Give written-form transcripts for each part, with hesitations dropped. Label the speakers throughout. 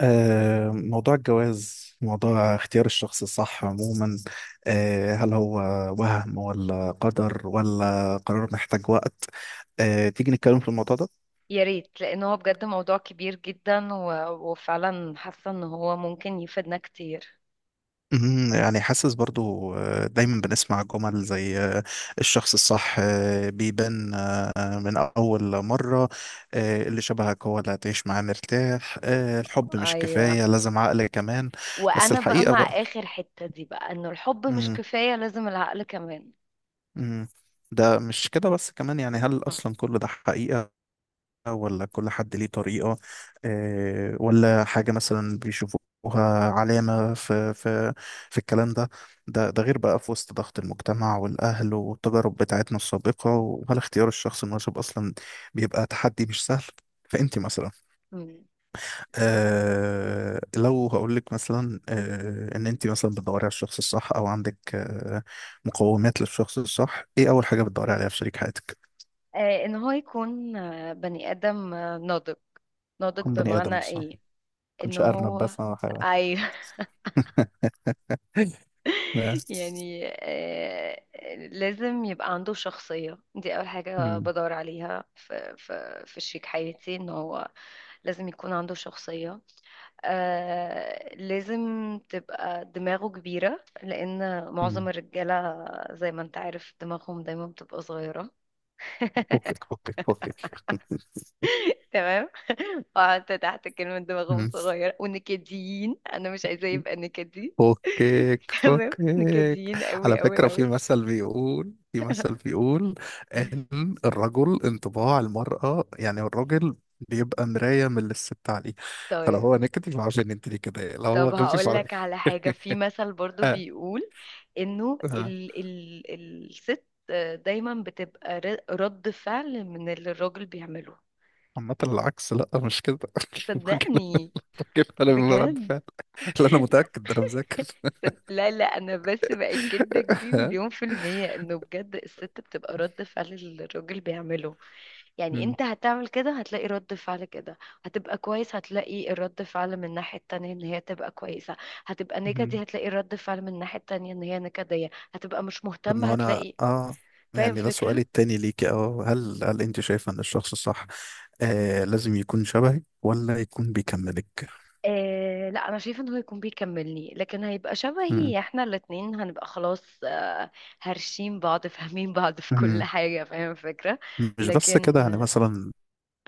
Speaker 1: موضوع الجواز موضوع اختيار الشخص الصح عموما. هل هو وهم ولا قدر ولا قرار محتاج وقت. تيجي نتكلم في الموضوع ده؟
Speaker 2: يا ريت لان هو بجد موضوع كبير جدا وفعلا حاسه ان هو ممكن يفيدنا كتير.
Speaker 1: مهم. يعني حاسس برضو دايما بنسمع جمل زي الشخص الصح بيبان من أول مرة، اللي شبهك هو اللي هتعيش معاه مرتاح، الحب مش
Speaker 2: ايوه،
Speaker 1: كفاية لازم عقل كمان. بس
Speaker 2: وانا بقى
Speaker 1: الحقيقة
Speaker 2: مع
Speaker 1: بقى.
Speaker 2: اخر حته دي بقى انه الحب مش كفايه، لازم العقل كمان.
Speaker 1: مم. ده مش كده بس، كمان يعني هل أصلا كل ده حقيقة ولا كل حد ليه طريقة ولا حاجة مثلا بيشوفوها علامة في الكلام ده، ده غير بقى في وسط ضغط المجتمع والأهل والتجارب بتاعتنا السابقة. وهل اختيار الشخص المناسب أصلا بيبقى تحدي مش سهل؟ فأنت مثلا،
Speaker 2: مم. اه
Speaker 1: لو هقول لك مثلا ان انت مثلا بتدوري على الشخص الصح او عندك مقومات للشخص الصح، ايه اول حاجه بتدوري عليها في شريك حياتك؟
Speaker 2: ان هو يكون بني ادم ناضج. ناضج
Speaker 1: كون بني
Speaker 2: بمعنى
Speaker 1: ادم مثلا،
Speaker 2: ايه؟ ان
Speaker 1: كنتش ارنب
Speaker 2: هو
Speaker 1: بس انا حيوان.
Speaker 2: ايوه.
Speaker 1: بس.
Speaker 2: يعني لازم يبقى عنده شخصية. دي أول حاجة
Speaker 1: مم.
Speaker 2: بدور عليها في, شريك حياتي، إن هو لازم يكون عنده شخصية. لازم تبقى دماغه كبيرة لأن معظم
Speaker 1: مم.
Speaker 2: الرجالة زي ما أنت عارف دماغهم دايما بتبقى صغيرة.
Speaker 1: فكك فكك فكك.
Speaker 2: تمام. وقعدت تحت كلمة دماغهم
Speaker 1: مم.
Speaker 2: صغيرة ونكديين، أنا مش عايزاه يبقى نكدي.
Speaker 1: فكك
Speaker 2: تمام،
Speaker 1: فكك.
Speaker 2: نكديين
Speaker 1: على
Speaker 2: أوي أوي
Speaker 1: فكرة، في
Speaker 2: أوي.
Speaker 1: مثل بيقول في مثل بيقول إن الرجل انطباع المرأة، يعني الراجل بيبقى مراية من اللي الست عليه. فلو
Speaker 2: طيب،
Speaker 1: هو نكتي فعارف إن أنت دي كده، لو هو
Speaker 2: طب
Speaker 1: غبي
Speaker 2: هقول لك
Speaker 1: فعارف.
Speaker 2: على حاجة، في مثل برضو
Speaker 1: آه،
Speaker 2: بيقول انه
Speaker 1: آه.
Speaker 2: ال ال الست دايما بتبقى رد فعل من اللي الراجل بيعمله.
Speaker 1: عامة العكس، لا مش كده. الراجل
Speaker 2: صدقني
Speaker 1: الراجل أنا من رد
Speaker 2: بجد.
Speaker 1: فعل. لا أنا متأكد، ده أنا مذاكر.
Speaker 2: لا لا، انا بس بأكدك دي
Speaker 1: آه.
Speaker 2: مليون في المية، انه بجد الست بتبقى رد فعل اللي الراجل بيعمله. يعني
Speaker 1: مم.
Speaker 2: انت هتعمل كده هتلاقي رد فعل كده، هتبقى كويس هتلاقي الرد فعل من الناحية التانية ان هي تبقى كويسة، هتبقى
Speaker 1: مم.
Speaker 2: نكدي هتلاقي رد فعل من الناحية التانية ان هي نكدية، هتبقى مش
Speaker 1: طب ما
Speaker 2: مهتمة
Speaker 1: هو أنا
Speaker 2: هتلاقي. فاهم
Speaker 1: يعني ده سؤالي
Speaker 2: فكرة؟
Speaker 1: التاني ليكي، هل أنت شايفة إن الشخص صح لازم يكون شبهك ولا يكون بيكملك؟
Speaker 2: آه لا، انا شايفه ان هو يكون بيكملني، لكن هيبقى
Speaker 1: مم.
Speaker 2: شبهي، احنا الاتنين هنبقى خلاص هرشين بعض، فاهمين بعض في كل
Speaker 1: مم.
Speaker 2: حاجة. فاهم فكرة؟
Speaker 1: مش بس كده،
Speaker 2: لكن
Speaker 1: يعني مثلا،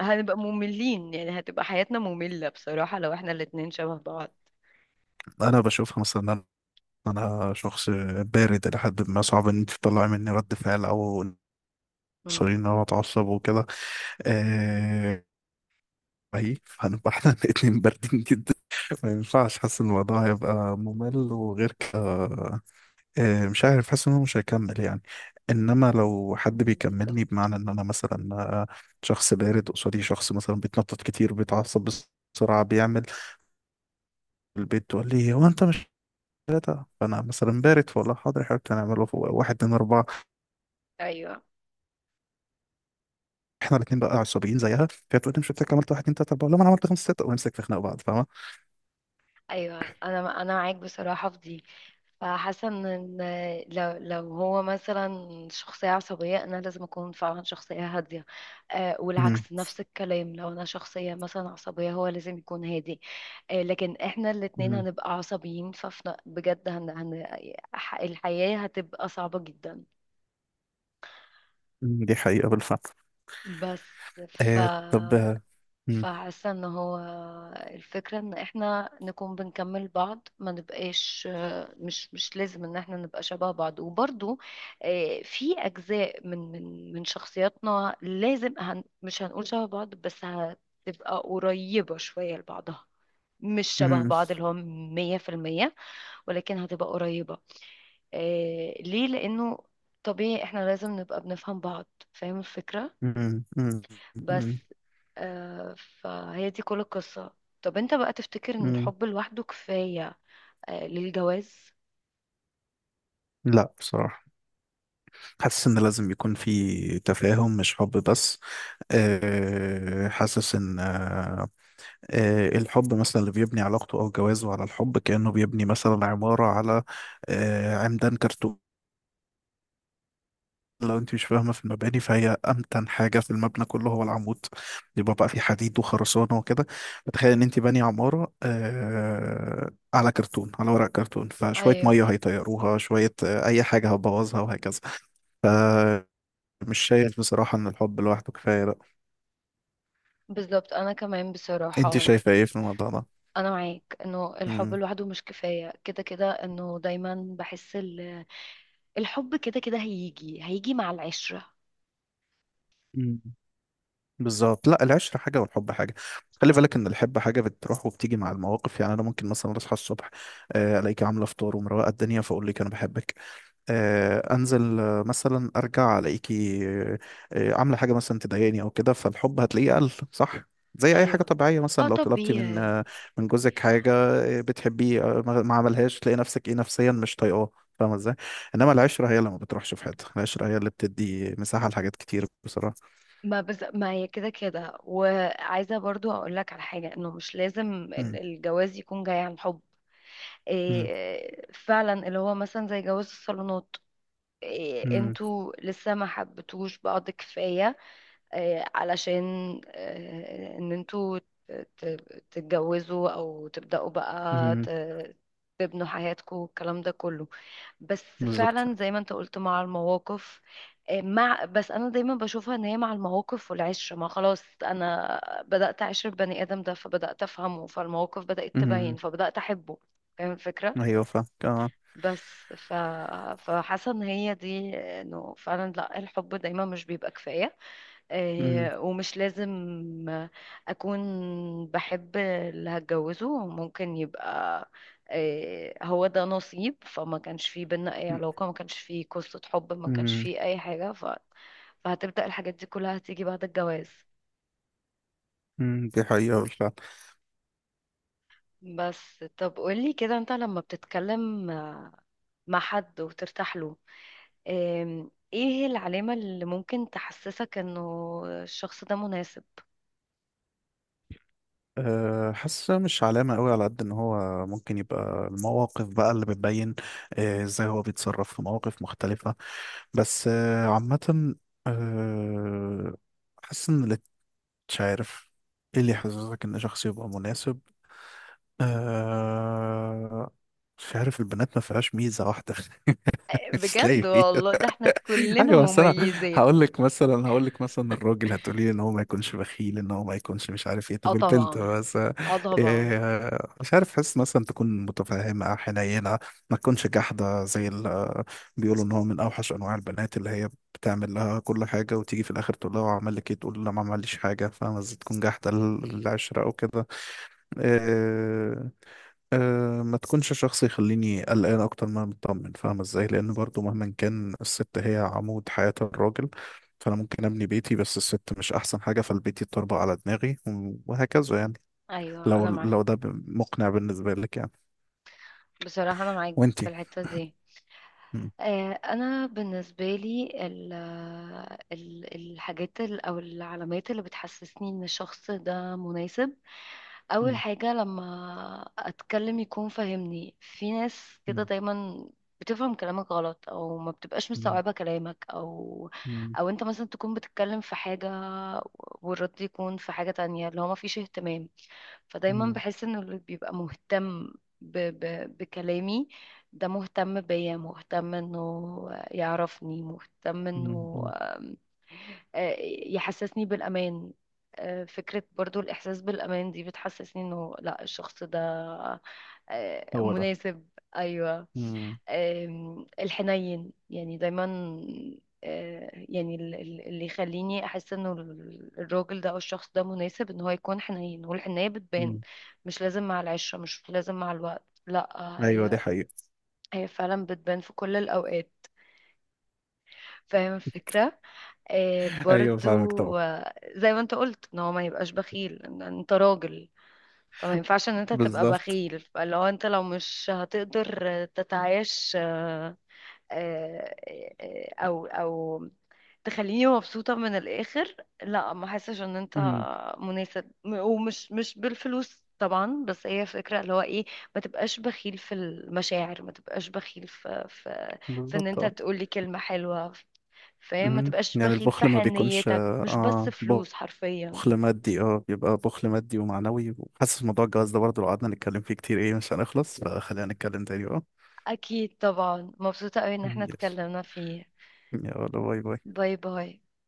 Speaker 2: هنبقى مملين، يعني هتبقى حياتنا مملة بصراحة لو احنا الاتنين شبه بعض.
Speaker 1: انا بشوفها مثلا، انا أنا شخص بارد الى حد ما، صعب ان انت تطلعي مني رد فعل او
Speaker 2: مم.
Speaker 1: صريح، ان انا اتعصب وكده. آه، هي فهنبقى احنا الاتنين باردين جدا، ما ينفعش. حاسس ان الموضوع هيبقى ممل وغير كده، مش عارف، حاسس ان هو مش هيكمل يعني. انما لو حد بيكملني،
Speaker 2: بالظبط.
Speaker 1: بمعنى ان انا مثلا شخص بارد، قصادي شخص مثلا بيتنطط كتير، بيتعصب بسرعة، بيعمل البيت تقول لي هو انت مش ثلاثة، فانا مثلا بارد، فولا حاضر حضرتك هنعمله في واحد اتنين اربعة.
Speaker 2: ايوه.
Speaker 1: احنا الاتنين بقى عصبيين زيها، فهي تقول لي مش قلت لك عملت واحد اتنين تلاتة، بقول لها ما انا عملت خمسة ستة، ونمسك نخنق بعض. فاهمة؟
Speaker 2: ايوه، انا معاك بصراحه في دي. فحاسه إن لو هو مثلا شخصيه عصبيه، انا لازم اكون فعلا شخصيه هاديه.
Speaker 1: مم.
Speaker 2: والعكس نفس الكلام، لو انا شخصيه مثلا عصبيه هو لازم يكون هادي. لكن احنا الاتنين
Speaker 1: مم.
Speaker 2: هنبقى عصبيين ففنا بجد هن هن الحياه هتبقى صعبه جدا.
Speaker 1: مم. دي حقيقة بالفعل.
Speaker 2: بس
Speaker 1: طب مم.
Speaker 2: فحاسة ان هو الفكرة ان احنا نكون بنكمل بعض ما نبقاش، مش لازم ان احنا نبقى شبه بعض. وبرضو في اجزاء من شخصياتنا لازم مش هنقول شبه بعض بس هتبقى قريبة شوية لبعضها. مش شبه
Speaker 1: مم.
Speaker 2: بعض اللي هو 100%، ولكن هتبقى قريبة. ليه؟ لأنه طبيعي احنا لازم نبقى بنفهم بعض. فاهم الفكرة؟
Speaker 1: مم. مم.
Speaker 2: بس
Speaker 1: مم.
Speaker 2: آه فهي دي كل القصة. طب انت بقى تفتكر ان
Speaker 1: مم.
Speaker 2: الحب لوحده كفاية للجواز؟
Speaker 1: لا بصراحة، حاسس ان لازم يكون في تفاهم مش حب بس. حاسس ان الحب مثلا اللي بيبني علاقته او جوازه على الحب كأنه بيبني مثلا عمارة على عمدان كرتون. لو انت مش فاهمة في المباني، فهي أمتن حاجة في المبنى كله هو العمود، يبقى بقى في حديد وخرسانة وكده. فتخيل ان انت باني عمارة على كرتون، على ورق كرتون، فشوية
Speaker 2: ايوه
Speaker 1: مية هيطيروها، شوية أي حاجة هتبوظها، وهكذا. مش شايف بصراحة ان الحب لوحده كفاية بقى.
Speaker 2: بالظبط، انا كمان
Speaker 1: انت
Speaker 2: بصراحة.
Speaker 1: شايفة ايه في الموضوع ده؟
Speaker 2: انا معاك انه الحب
Speaker 1: امم
Speaker 2: لوحده مش كفاية، كده كده انه دايما بحس الحب كده كده هيجي هيجي مع العشرة.
Speaker 1: مم. بالظبط، لا العشرة حاجة والحب حاجة. خلي بالك ان الحب حاجة بتروح وبتيجي مع المواقف، يعني انا ممكن مثلا اصحى الصبح، الاقيك عاملة فطار ومروقة الدنيا، فاقول لك انا بحبك. انزل، مثلا ارجع الاقيكي عامله حاجه مثلا تضايقني او كده، فالحب هتلاقيه قل، صح؟ زي اي حاجه
Speaker 2: ايوه،
Speaker 1: طبيعيه،
Speaker 2: اه
Speaker 1: مثلا لو طلبتي من
Speaker 2: طبيعي.
Speaker 1: من جوزك حاجه بتحبيه ما عملهاش، تلاقي نفسك ايه، نفسيا مش طايقاه. فاهمه ازاي؟ انما العشره هي اللي ما بتروحش في حته، العشره هي اللي بتدي مساحه لحاجات كتير بصراحه.
Speaker 2: ما هي كده كده، وعايزة برضو اقول لك على حاجة، انه مش لازم
Speaker 1: مم.
Speaker 2: الجواز يكون جاي عن حب.
Speaker 1: مم.
Speaker 2: إيه فعلا اللي هو مثلا زي جواز الصالونات، إيه
Speaker 1: مم.
Speaker 2: انتوا لسه ما حبتوش بعض كفاية، إيه علشان إيه ان انتوا تتجوزوا او تبدأوا بقى
Speaker 1: مم.
Speaker 2: تبنوا حياتكم والكلام ده كله. بس
Speaker 1: بالظبط.
Speaker 2: فعلا زي ما انت قلت مع المواقف، إيه مع. بس انا دايما بشوفها ان هي مع المواقف والعشره، ما خلاص انا بدات اعشر البني ادم ده فبدات افهمه، فالمواقف بدات تبين
Speaker 1: مم.
Speaker 2: فبدات احبه. فاهم الفكره؟
Speaker 1: ايوه فاهم، اه.
Speaker 2: بس فحاسه ان هي دي، انه فعلا لا الحب دايما مش بيبقى كفايه.
Speaker 1: مم.
Speaker 2: ومش لازم اكون بحب اللي هتجوزه، ممكن يبقى هو ده نصيب، فما كانش فيه بينا اي علاقه ما كانش فيه قصه حب ما كانش
Speaker 1: مم.
Speaker 2: فيه اي حاجه فهتبدا الحاجات دي كلها هتيجي بعد الجواز.
Speaker 1: مم. دي حقيقه.
Speaker 2: بس طب قولي كده، انت لما بتتكلم مع حد وترتاح له، ايه هي العلامة اللي ممكن تحسسك انه الشخص ده مناسب؟
Speaker 1: حاسة مش علامة قوي على قد ان هو ممكن يبقى، المواقف بقى اللي بتبين، ازاي هو بيتصرف في مواقف مختلفة. بس عامة أه، حاسس ان اللي، مش عارف ايه اللي يحسسك ان شخص يبقى مناسب. أه، مش عارف، البنات ما فيهاش ميزة واحدة. مش لاقي
Speaker 2: بجد
Speaker 1: فيها.
Speaker 2: والله ده احنا كلنا
Speaker 1: ايوه بس انا،
Speaker 2: مميزات.
Speaker 1: هقول لك مثلا الراجل هتقولي لي ان هو ما يكونش بخيل، ان هو ما يكونش مش عارف ايه،
Speaker 2: اه
Speaker 1: طب البنت
Speaker 2: طبعا،
Speaker 1: بس
Speaker 2: اه طبعا.
Speaker 1: إيه؟ مش عارف، حس مثلا تكون متفهمه حنينه، ما تكونش جحده زي ال-. بيقولوا ان هو من اوحش انواع البنات اللي هي بتعمل لها كل حاجه، وتيجي في الاخر تقول لها هو عمل لك ايه، تقول لا ما عملش حاجه. فاهمه ازاي؟ تكون جحده للعشره او كده. آه، ما تكونش شخص يخليني قلقان اكتر ما أنا مطمن. فاهمة ازاي؟ لان برضو مهما كان، الست هي عمود حياة الراجل، فانا ممكن ابني بيتي بس الست مش احسن حاجة، فالبيت يتطربق على دماغي و- وهكذا يعني.
Speaker 2: ايوه
Speaker 1: لو
Speaker 2: انا
Speaker 1: لو ده
Speaker 2: معاك
Speaker 1: ب- مقنع بالنسبة لك يعني؟
Speaker 2: بصراحة، انا معاك في
Speaker 1: وانتي؟
Speaker 2: الحتة دي.
Speaker 1: مم.
Speaker 2: انا بالنسبه لي الحاجات او العلامات اللي بتحسسني ان الشخص ده مناسب: اول
Speaker 1: مم.
Speaker 2: حاجه لما اتكلم يكون فاهمني، في ناس كده
Speaker 1: مم.
Speaker 2: دايما بتفهم كلامك غلط او ما بتبقاش
Speaker 1: مم.
Speaker 2: مستوعبه كلامك، او
Speaker 1: مم.
Speaker 2: او انت مثلا تكون بتتكلم في حاجه والرد يكون في حاجه تانية اللي هو ما فيش اهتمام. فدايما
Speaker 1: مم.
Speaker 2: بحس انه اللي بيبقى مهتم ب ب بكلامي ده مهتم بيا، مهتم انه يعرفني، مهتم
Speaker 1: مم.
Speaker 2: انه
Speaker 1: مم.
Speaker 2: آه، يحسسني بالامان. فكرة برضو الإحساس بالأمان دي بتحسسني إنه لأ، الشخص ده
Speaker 1: هو ده.
Speaker 2: مناسب. أيوة.
Speaker 1: مم.
Speaker 2: الحنين يعني دايما، يعني اللي يخليني احس انه الراجل ده او الشخص ده مناسب ان هو يكون حنين، والحنية بتبان.
Speaker 1: مم.
Speaker 2: مش لازم مع العشرة، مش لازم مع الوقت، لا،
Speaker 1: ايوه
Speaker 2: هي
Speaker 1: دي حقيقة.
Speaker 2: هي فعلا بتبان في كل الاوقات. فاهم الفكرة؟
Speaker 1: ايوه فاهمك طبعا.
Speaker 2: برضو زي ما انت قلت ان هو ما يبقاش بخيل. ان انت راجل فما ينفعش ان انت تبقى
Speaker 1: بالظبط.
Speaker 2: بخيل. فلو انت لو مش هتقدر تتعايش آه، او تخليني مبسوطة من الآخر، لا ما حسش ان انت
Speaker 1: مم.
Speaker 2: مناسب. ومش مش بالفلوس طبعا، بس هي فكرة اللي هو ايه: ما تبقاش بخيل في المشاعر، ما تبقاش بخيل في ان انت
Speaker 1: بالظبط.
Speaker 2: تقولي كلمة حلوة. فاهم، ما
Speaker 1: مهم.
Speaker 2: تبقاش
Speaker 1: يعني
Speaker 2: بخيل في
Speaker 1: البخل ما بيكونش
Speaker 2: حنيتك مش بس
Speaker 1: اه
Speaker 2: فلوس
Speaker 1: بخل
Speaker 2: حرفيا.
Speaker 1: مادي، اه بيبقى بخل مادي ومعنوي. وحاسس موضوع الجواز ده برضه لو قعدنا نتكلم فيه كتير ايه مش هنخلص، فخلينا نتكلم تاني بقى.
Speaker 2: اكيد طبعا، مبسوطة قوي ان احنا
Speaker 1: مم. يس.
Speaker 2: اتكلمنا فيه.
Speaker 1: يلا باي باي.
Speaker 2: باي باي.